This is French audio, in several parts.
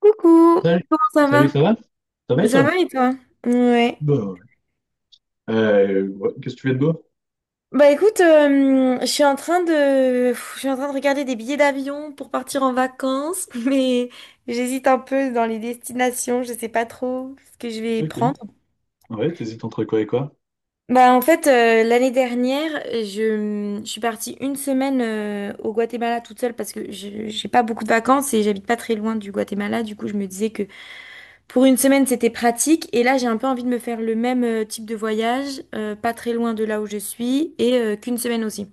Coucou, Salut, comment ça salut, va? ça va? Ça va et Ça toi? va et toi? Ouais. Bah ouais. Ouais, qu'est-ce que tu fais de beau? Bah écoute, je suis en train de, je suis en train de regarder des billets d'avion pour partir en vacances, mais j'hésite un peu dans les destinations. Je sais pas trop ce que je vais Ok. prendre. Ouais, t'hésites entre quoi et quoi? Bah en fait, l'année dernière, je suis partie 1 semaine au Guatemala toute seule parce que je j'ai pas beaucoup de vacances et j'habite pas très loin du Guatemala. Du coup, je me disais que pour une semaine, c'était pratique. Et là, j'ai un peu envie de me faire le même type de voyage, pas très loin de là où je suis, et qu'1 semaine aussi.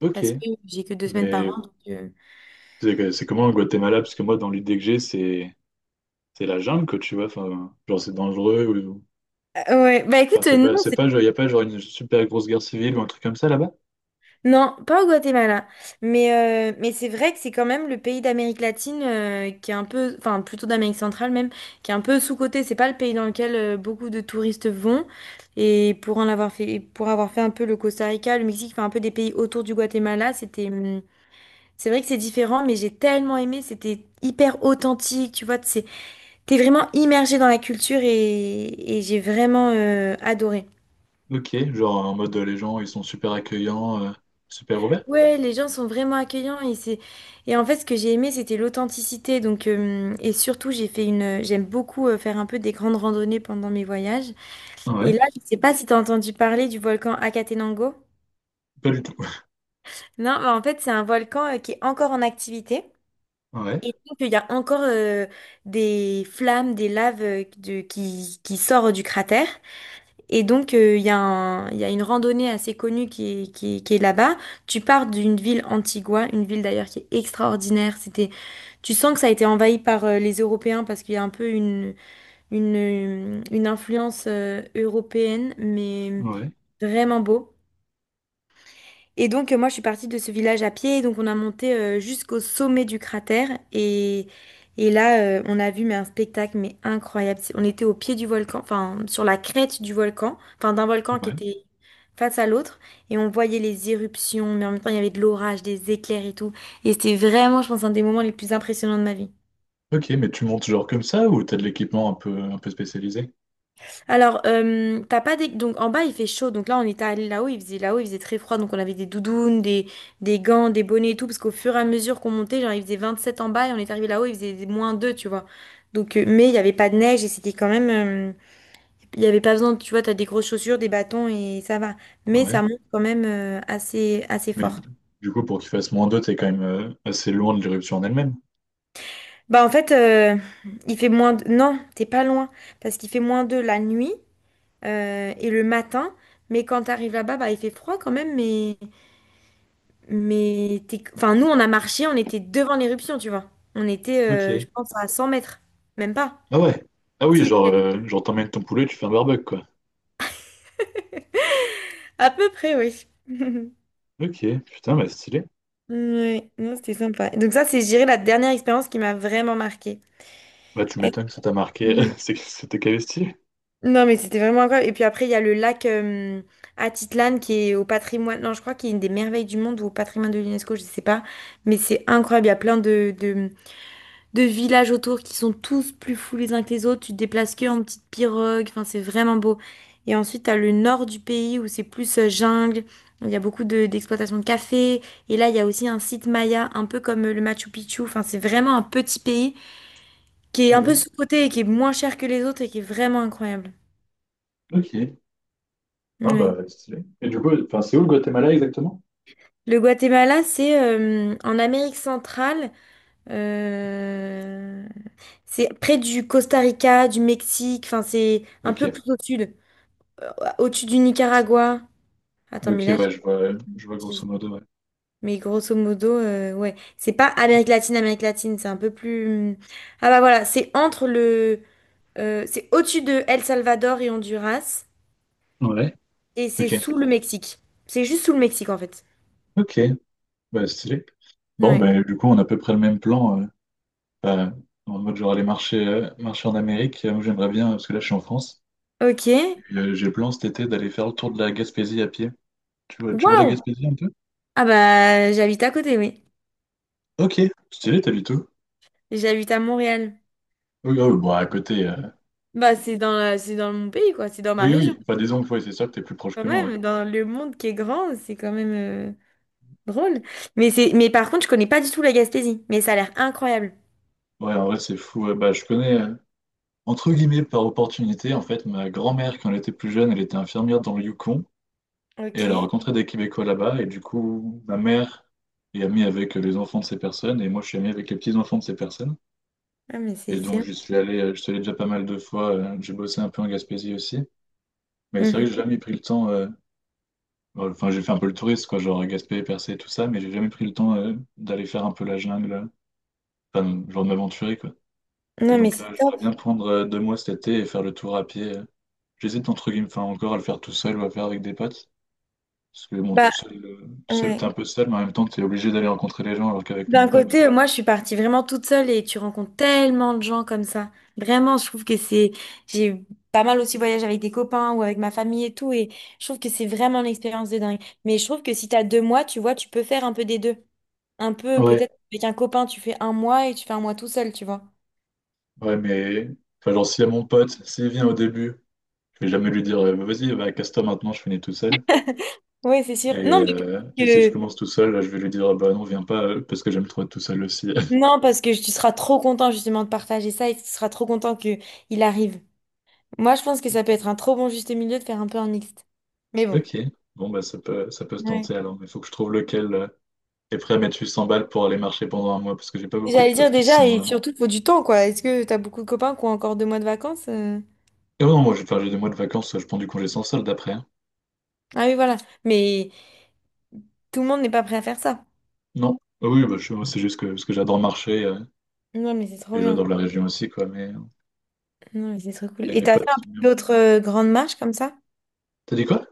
Ok. Parce que j'ai que 2 semaines par Mais an, donc. C'est comment au Guatemala? Parce que moi, dans l'idée que j'ai, c'est la jungle, quoi, tu vois. Enfin, genre, c'est dangereux. Ou... Ah ouais, bah Enfin, écoute, c'est pas, non, c'est pas, genre, y a pas genre une super grosse guerre civile ou un truc comme ça là-bas? non, pas au Guatemala. Mais, mais c'est vrai que c'est quand même le pays d'Amérique latine qui est un peu, enfin plutôt d'Amérique centrale même, qui est un peu sous-coté. C'est pas le pays dans lequel beaucoup de touristes vont. Et pour avoir fait un peu le Costa Rica, le Mexique, enfin un peu des pays autour du Guatemala, c'est vrai que c'est différent, mais j'ai tellement aimé, c'était hyper authentique, tu vois, t'es vraiment immergé dans la culture et j'ai vraiment adoré. Ok. Genre, en mode, les gens, ils sont super accueillants, super ouverts? Ouais, les gens sont vraiment accueillants et en fait ce que j'ai aimé c'était l'authenticité, donc, et surtout j'aime beaucoup faire un peu des grandes randonnées pendant mes voyages. Et Ouais. là, je sais pas si t'as entendu parler du volcan Akatenango. Pas du tout. Non, mais en fait c'est un volcan qui est encore en activité. Ouais. Et donc, il y a encore des flammes, des laves qui sortent du cratère. Et donc, il y a une randonnée assez connue qui est là-bas. Tu pars d'une ville Antigua, une ville d'ailleurs qui est extraordinaire. Tu sens que ça a été envahi par les Européens parce qu'il y a un peu une influence européenne, mais Ouais. vraiment beau. Et donc, moi, je suis partie de ce village à pied. Donc, on a monté jusqu'au sommet du cratère. Et là, on a vu mais un spectacle mais incroyable. On était au pied du volcan, enfin, sur la crête du volcan, enfin, d'un volcan qui Ouais. était face à l'autre. Et on voyait les éruptions, mais en même temps, il y avait de l'orage, des éclairs et tout. Et c'était vraiment, je pense, un des moments les plus impressionnants de ma vie. Ok, mais tu montes genre comme ça ou t'as de l'équipement un peu spécialisé? Alors, t'as pas des... Donc, en bas, il fait chaud. Donc là, on était allé là-haut, il faisait très froid. Donc, on avait des doudounes, des gants, des bonnets et tout. Parce qu'au fur et à mesure qu'on montait, genre, il faisait 7 en bas et on est arrivé là-haut, il faisait -2, tu vois. Donc, mais il n'y avait pas de neige et c'était quand même... il n'y avait pas besoin, tu vois, t'as des grosses chaussures, des bâtons et ça va. Mais Ouais. ça monte quand même assez Mais fort. du coup, pour qu'il fasse moins 2, t'es quand même assez loin de l'éruption en elle-même. Bah, en fait, il fait moins... non, t'es pas loin. Parce qu'il fait -2 la nuit et le matin. Mais quand t'arrives là-bas, bah, il fait froid quand même, mais... Mais enfin, nous, on a marché, on était devant l'éruption, tu vois. On était, Ok. Je pense, à 100 mètres. Même pas. Ah ouais. Ah oui, Si, genre, peut-être. euh, genre t'emmènes ton poulet, tu fais un barbecue, quoi. À peu près, oui. Ok, putain, bah stylé. Ouais, non, c'était sympa. Donc ça, c'est, je dirais, la dernière expérience qui m'a vraiment marquée. Bah tu Est- m'étonnes que ça t'a marqué, Ouais. Que c'était calé stylé. Non, mais c'était vraiment incroyable. Et puis après, il y a le lac Atitlan qui est au patrimoine, non, je crois qu'il est une des merveilles du monde ou au patrimoine de l'UNESCO, je sais pas. Mais c'est incroyable. Il y a plein de villages autour qui sont tous plus fous les uns que les autres. Tu te déplaces que en petite pirogue. Enfin, c'est vraiment beau. Et ensuite, tu as le nord du pays où c'est plus jungle. Il y a beaucoup d'exploitation de café. Et là, il y a aussi un site Maya, un peu comme le Machu Picchu. Enfin, c'est vraiment un petit pays qui est un peu Ouais. sous-coté et qui est moins cher que les autres et qui est vraiment incroyable. Ok. Non, bah Ouais. stylé. Et du coup, enfin, c'est où le Guatemala exactement? Le Guatemala, c'est en Amérique centrale. euh, c'est près du Costa Rica, du Mexique. Enfin, c'est un peu plus Ok. au sud. Au-dessus du Nicaragua. Attends, Ok, mais là, ouais, j'ai dit je vois, une je vois grosso bêtise. modo, ouais. Mais grosso modo, ouais. C'est pas Amérique latine, Amérique latine, c'est un peu plus... Ah bah voilà, c'est entre le... c'est au-dessus de El Salvador et Honduras, Ouais. et c'est Ok. sous le Mexique. C'est juste sous le Mexique, en fait. Ok, bah stylé. Bon, Ouais. bah du coup, on a à peu près le même plan. Bah, en mode, genre aller marcher, marcher en Amérique. Moi, j'aimerais bien, parce que là, je suis en France. Ok. Puis, j'ai le plan cet été d'aller faire le tour de la Gaspésie à pied. Tu vois la Waouh! Gaspésie un peu? Ah bah, j'habite à côté, oui. Ok, stylé, t'habites où? J'habite à Montréal. Oui, oh, bon, à côté. Bah, c'est dans mon pays, quoi. C'est dans ma Oui, région. oui, enfin disons, que ouais, c'est sûr que t'es plus proche Quand que moi, ouais. même, dans le monde qui est grand, c'est quand même... drôle. Mais par contre, je connais pas du tout la Gaspésie, mais ça a l'air incroyable. Ouais, en vrai, c'est fou. Ouais. Bah, entre guillemets, par opportunité, en fait, ma grand-mère, quand elle était plus jeune, elle était infirmière dans le Yukon, et elle a Ok. rencontré des Québécois là-bas, et du coup, ma mère est amie avec les enfants de ces personnes, et moi, je suis ami avec les petits-enfants de ces personnes. Ah, mais c'est Et donc, excellent. j'y suis allé, je suis allé déjà pas mal de fois, j'ai bossé un peu en Gaspésie aussi. Mais c'est vrai que j'ai Mhm. jamais pris le temps. Bon, enfin, j'ai fait un peu le touriste, quoi, genre Gaspé, Percé, tout ça, mais j'ai jamais pris le temps d'aller faire un peu la jungle, enfin, genre de m'aventurer, quoi. Et Non, mais donc c'est là, top. j'aimerais bien prendre deux mois cet été et faire le tour à pied. J'hésite entre guillemets, enfin, encore à le faire tout seul ou à faire avec des potes. Parce que bon, tout Bah, seul, euh, tout seul, t'es ouais. un peu seul, mais en même temps, t'es obligé d'aller rencontrer les gens, alors qu'avec mon D'un pote. côté, moi, je suis partie vraiment toute seule et tu rencontres tellement de gens comme ça. Vraiment, je trouve que c'est, j'ai pas mal aussi voyagé avec des copains ou avec ma famille et tout, et je trouve que c'est vraiment une expérience de dingue. Mais je trouve que si t'as 2 mois, tu vois, tu peux faire un peu des deux. Un peu, Ouais, peut-être avec un copain, tu fais 1 mois et tu fais 1 mois tout seul, tu vois. ouais, mais. Enfin, genre, si à mon pote, s'il vient au début, je vais jamais lui dire, vas-y, bah, casse-toi maintenant, je finis tout seul. Ouais, c'est Et, sûr. Non, mais euh, et si je commence tout seul, là, je vais lui dire, ah bah non, viens pas, parce que j'aime trop être tout seul aussi. non, parce que tu seras trop content justement de partager ça et tu seras trop content que il arrive. Moi, je pense que ça peut être un trop bon juste milieu de faire un peu un mixte. Mais bon. Ok, bon bah ça peut se Ouais. tenter alors, mais il faut que je trouve lequel est prêt à mettre cent balles pour aller marcher pendant un mois, parce que j'ai pas beaucoup de J'allais potes dire qui déjà, sont... et surtout, il faut du temps, quoi. Est-ce que t'as beaucoup de copains qui ont encore 2 mois de vacances? Et ouais, non, moi j'ai des mois de vacances, je prends du congé sans solde après, hein. Ah oui, voilà. Mais tout le monde n'est pas prêt à faire ça. Non, ah oui, bah, moi, c'est juste que, parce que j'adore marcher, Non, mais c'est trop et bien. j'adore la région aussi, quoi, Non, mais c'est trop cool. mais Et mes t'as potes fait un sont peu bien. d'autres grandes marches comme ça? T'as dit quoi?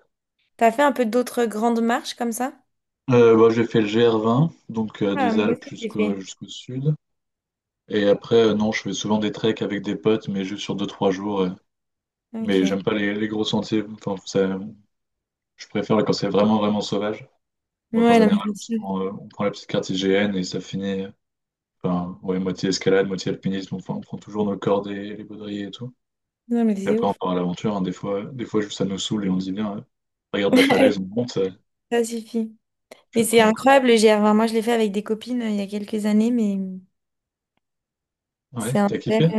T'as fait un peu d'autres grandes marches comme ça? Bah, j'ai fait le GR20, donc Ah, des moi Alpes aussi, j'ai jusqu'au fait. jusqu'au sud, et après, non, je fais souvent des treks avec des potes, mais juste sur deux trois jours, Ok. mais Ouais, j'aime pas les gros sentiers, enfin, ça, je préfère quand c'est vraiment sauvage. non, Donc en mais général, c'est se sûr. prend, on prend la petite carte IGN et ça finit, enfin, ouais, moitié escalade, moitié alpinisme, enfin, on prend toujours nos cordes et les baudriers et tout. Non, mais Et c'est après, on ouf. part à l'aventure, hein. Des fois, juste ça nous saoule et on se dit, bien, regarde la falaise, on monte, Ça suffit. puis Mais après, c'est on campe. incroyable le GR. Enfin, moi, je l'ai fait avec des copines il y a quelques années, mais Ouais, c'est un t'as bel... kiffé?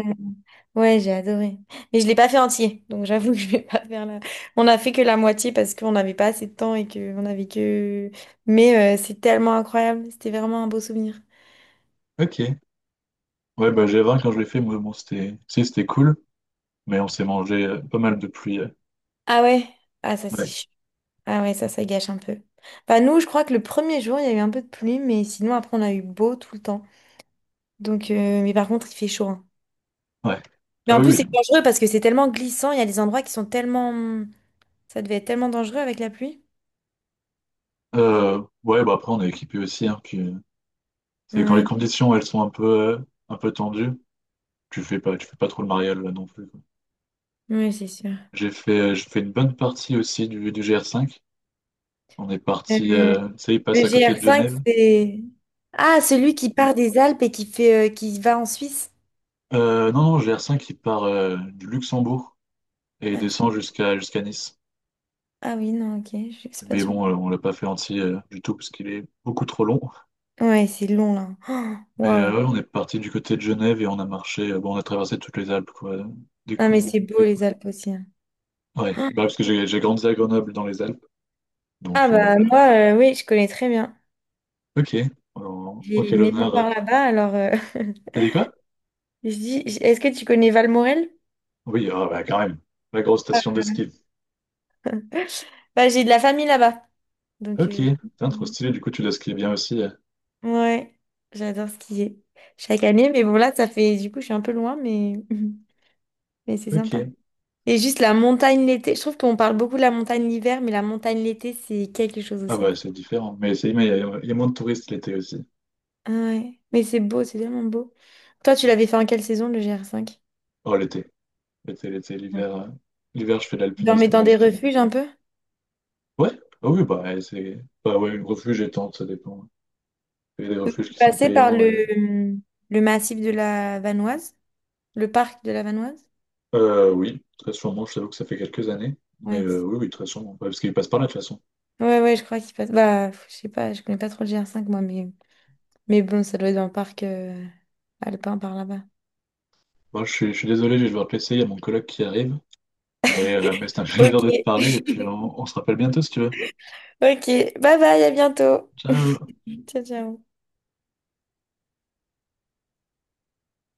ouais, j'ai adoré. Mais je ne l'ai pas fait entier, donc j'avoue que je vais pas faire la... On a fait que la moitié parce qu'on n'avait pas assez de temps et que on avait que... Mais c'est tellement incroyable. C'était vraiment un beau souvenir. Ok. Ouais, bah G20, quand je l'ai fait, moi, bon, si, c'était cool, mais on s'est mangé pas mal de pluie. Euh, Ah ouais? Ah ça, c'est... ouais, ah ouais, ça gâche un peu. Bah nous, je crois que le premier jour, il y a eu un peu de pluie, mais sinon, après, on a eu beau tout le temps. Donc, mais par contre, il fait chaud, hein. ouais. Mais Ah en plus, oui, c'est oui. dangereux parce que c'est tellement glissant. Il y a des endroits qui sont tellement... Ça devait être tellement dangereux avec la pluie. Ouais, bah après, on est équipé aussi, hein, puis c'est quand les Oui, conditions, elles sont euh, un peu tendues, tu fais pas trop le mariole, là, non plus. oui, c'est sûr. J'ai fait une bonne partie aussi du GR5. On est parti, Euh, tu sais, il passe le à côté de GR5, Genève. c'est... Ah, celui qui part des Alpes et qui fait, qui va en Suisse. Non, non, GR5, il part du Luxembourg et Ah, descend jusqu'à Nice. ah oui, non, ok, je sais pas Mais celui-là. bon, on l'a pas fait entier du tout parce qu'il est beaucoup trop long. Ouais, c'est long, là. Oh, Mais waouh. ouais, on est parti du côté de Genève et on a marché, bon, on a traversé toutes les Alpes, quoi. Dès Ah, mais qu'on, c'est beau, dès qu'on- les Alpes aussi, Ouais, hein. bah, parce que j'ai grandi à Grenoble dans les Alpes. Ah, Donc, bah, moi, oui, je connais très bien. ok, alors, J'ai ok, une maison l'honneur. par là-bas, alors... T'as dit quoi? je dis, est-ce que tu connais Valmorel? Oui, ah, bah, quand même, la grosse station de ski. Bah, j'ai de la famille là-bas. Donc, Ok, putain, trop je... stylé, du coup tu l'as skié bien aussi. Euh, ouais, j'adore skier. Chaque année, mais bon là, ça fait du coup, je suis un peu loin, mais, mais c'est sympa. ok. Et juste la montagne l'été, je trouve qu'on parle beaucoup de la montagne l'hiver, mais la montagne l'été, c'est quelque chose Ah aussi, hein. bah c'est différent. Mais c'est mais il y a il y a moins de touristes l'été aussi. Ah ouais, mais c'est beau, c'est tellement beau. Toi, tu l'avais fait en quelle saison, le GR5? Oh l'été. Mm. L'hiver. L'hiver je fais de Tu dormais l'alpinisme ou dans du des ski. refuges un peu? Ouais, ah oui, bah ouais, c'est. Bah ouais, refuge et tente, ça dépend. Il y a des Tu refuges qui sont passais par payants le, et- massif de la Vanoise, le parc de la Vanoise? Oui, très sûrement, je t'avoue que ça fait quelques années. Mais Ouais, oui, oui, très sûrement. Ouais, parce qu'il passe par là de toute façon. ouais, ouais, je crois qu'il passe. Bah, je sais pas, je connais pas trop le GR5 moi, mais. Mais bon, ça doit être un parc alpin par là-bas. Bon, je suis désolé, je vais devoir te laisser, il y a mon collègue qui arrive. Mais c'est un Ok, plaisir de te parler et puis on se rappelle bientôt si tu veux. ok. Bye bye, à bientôt. Ciao! Ciao, ciao.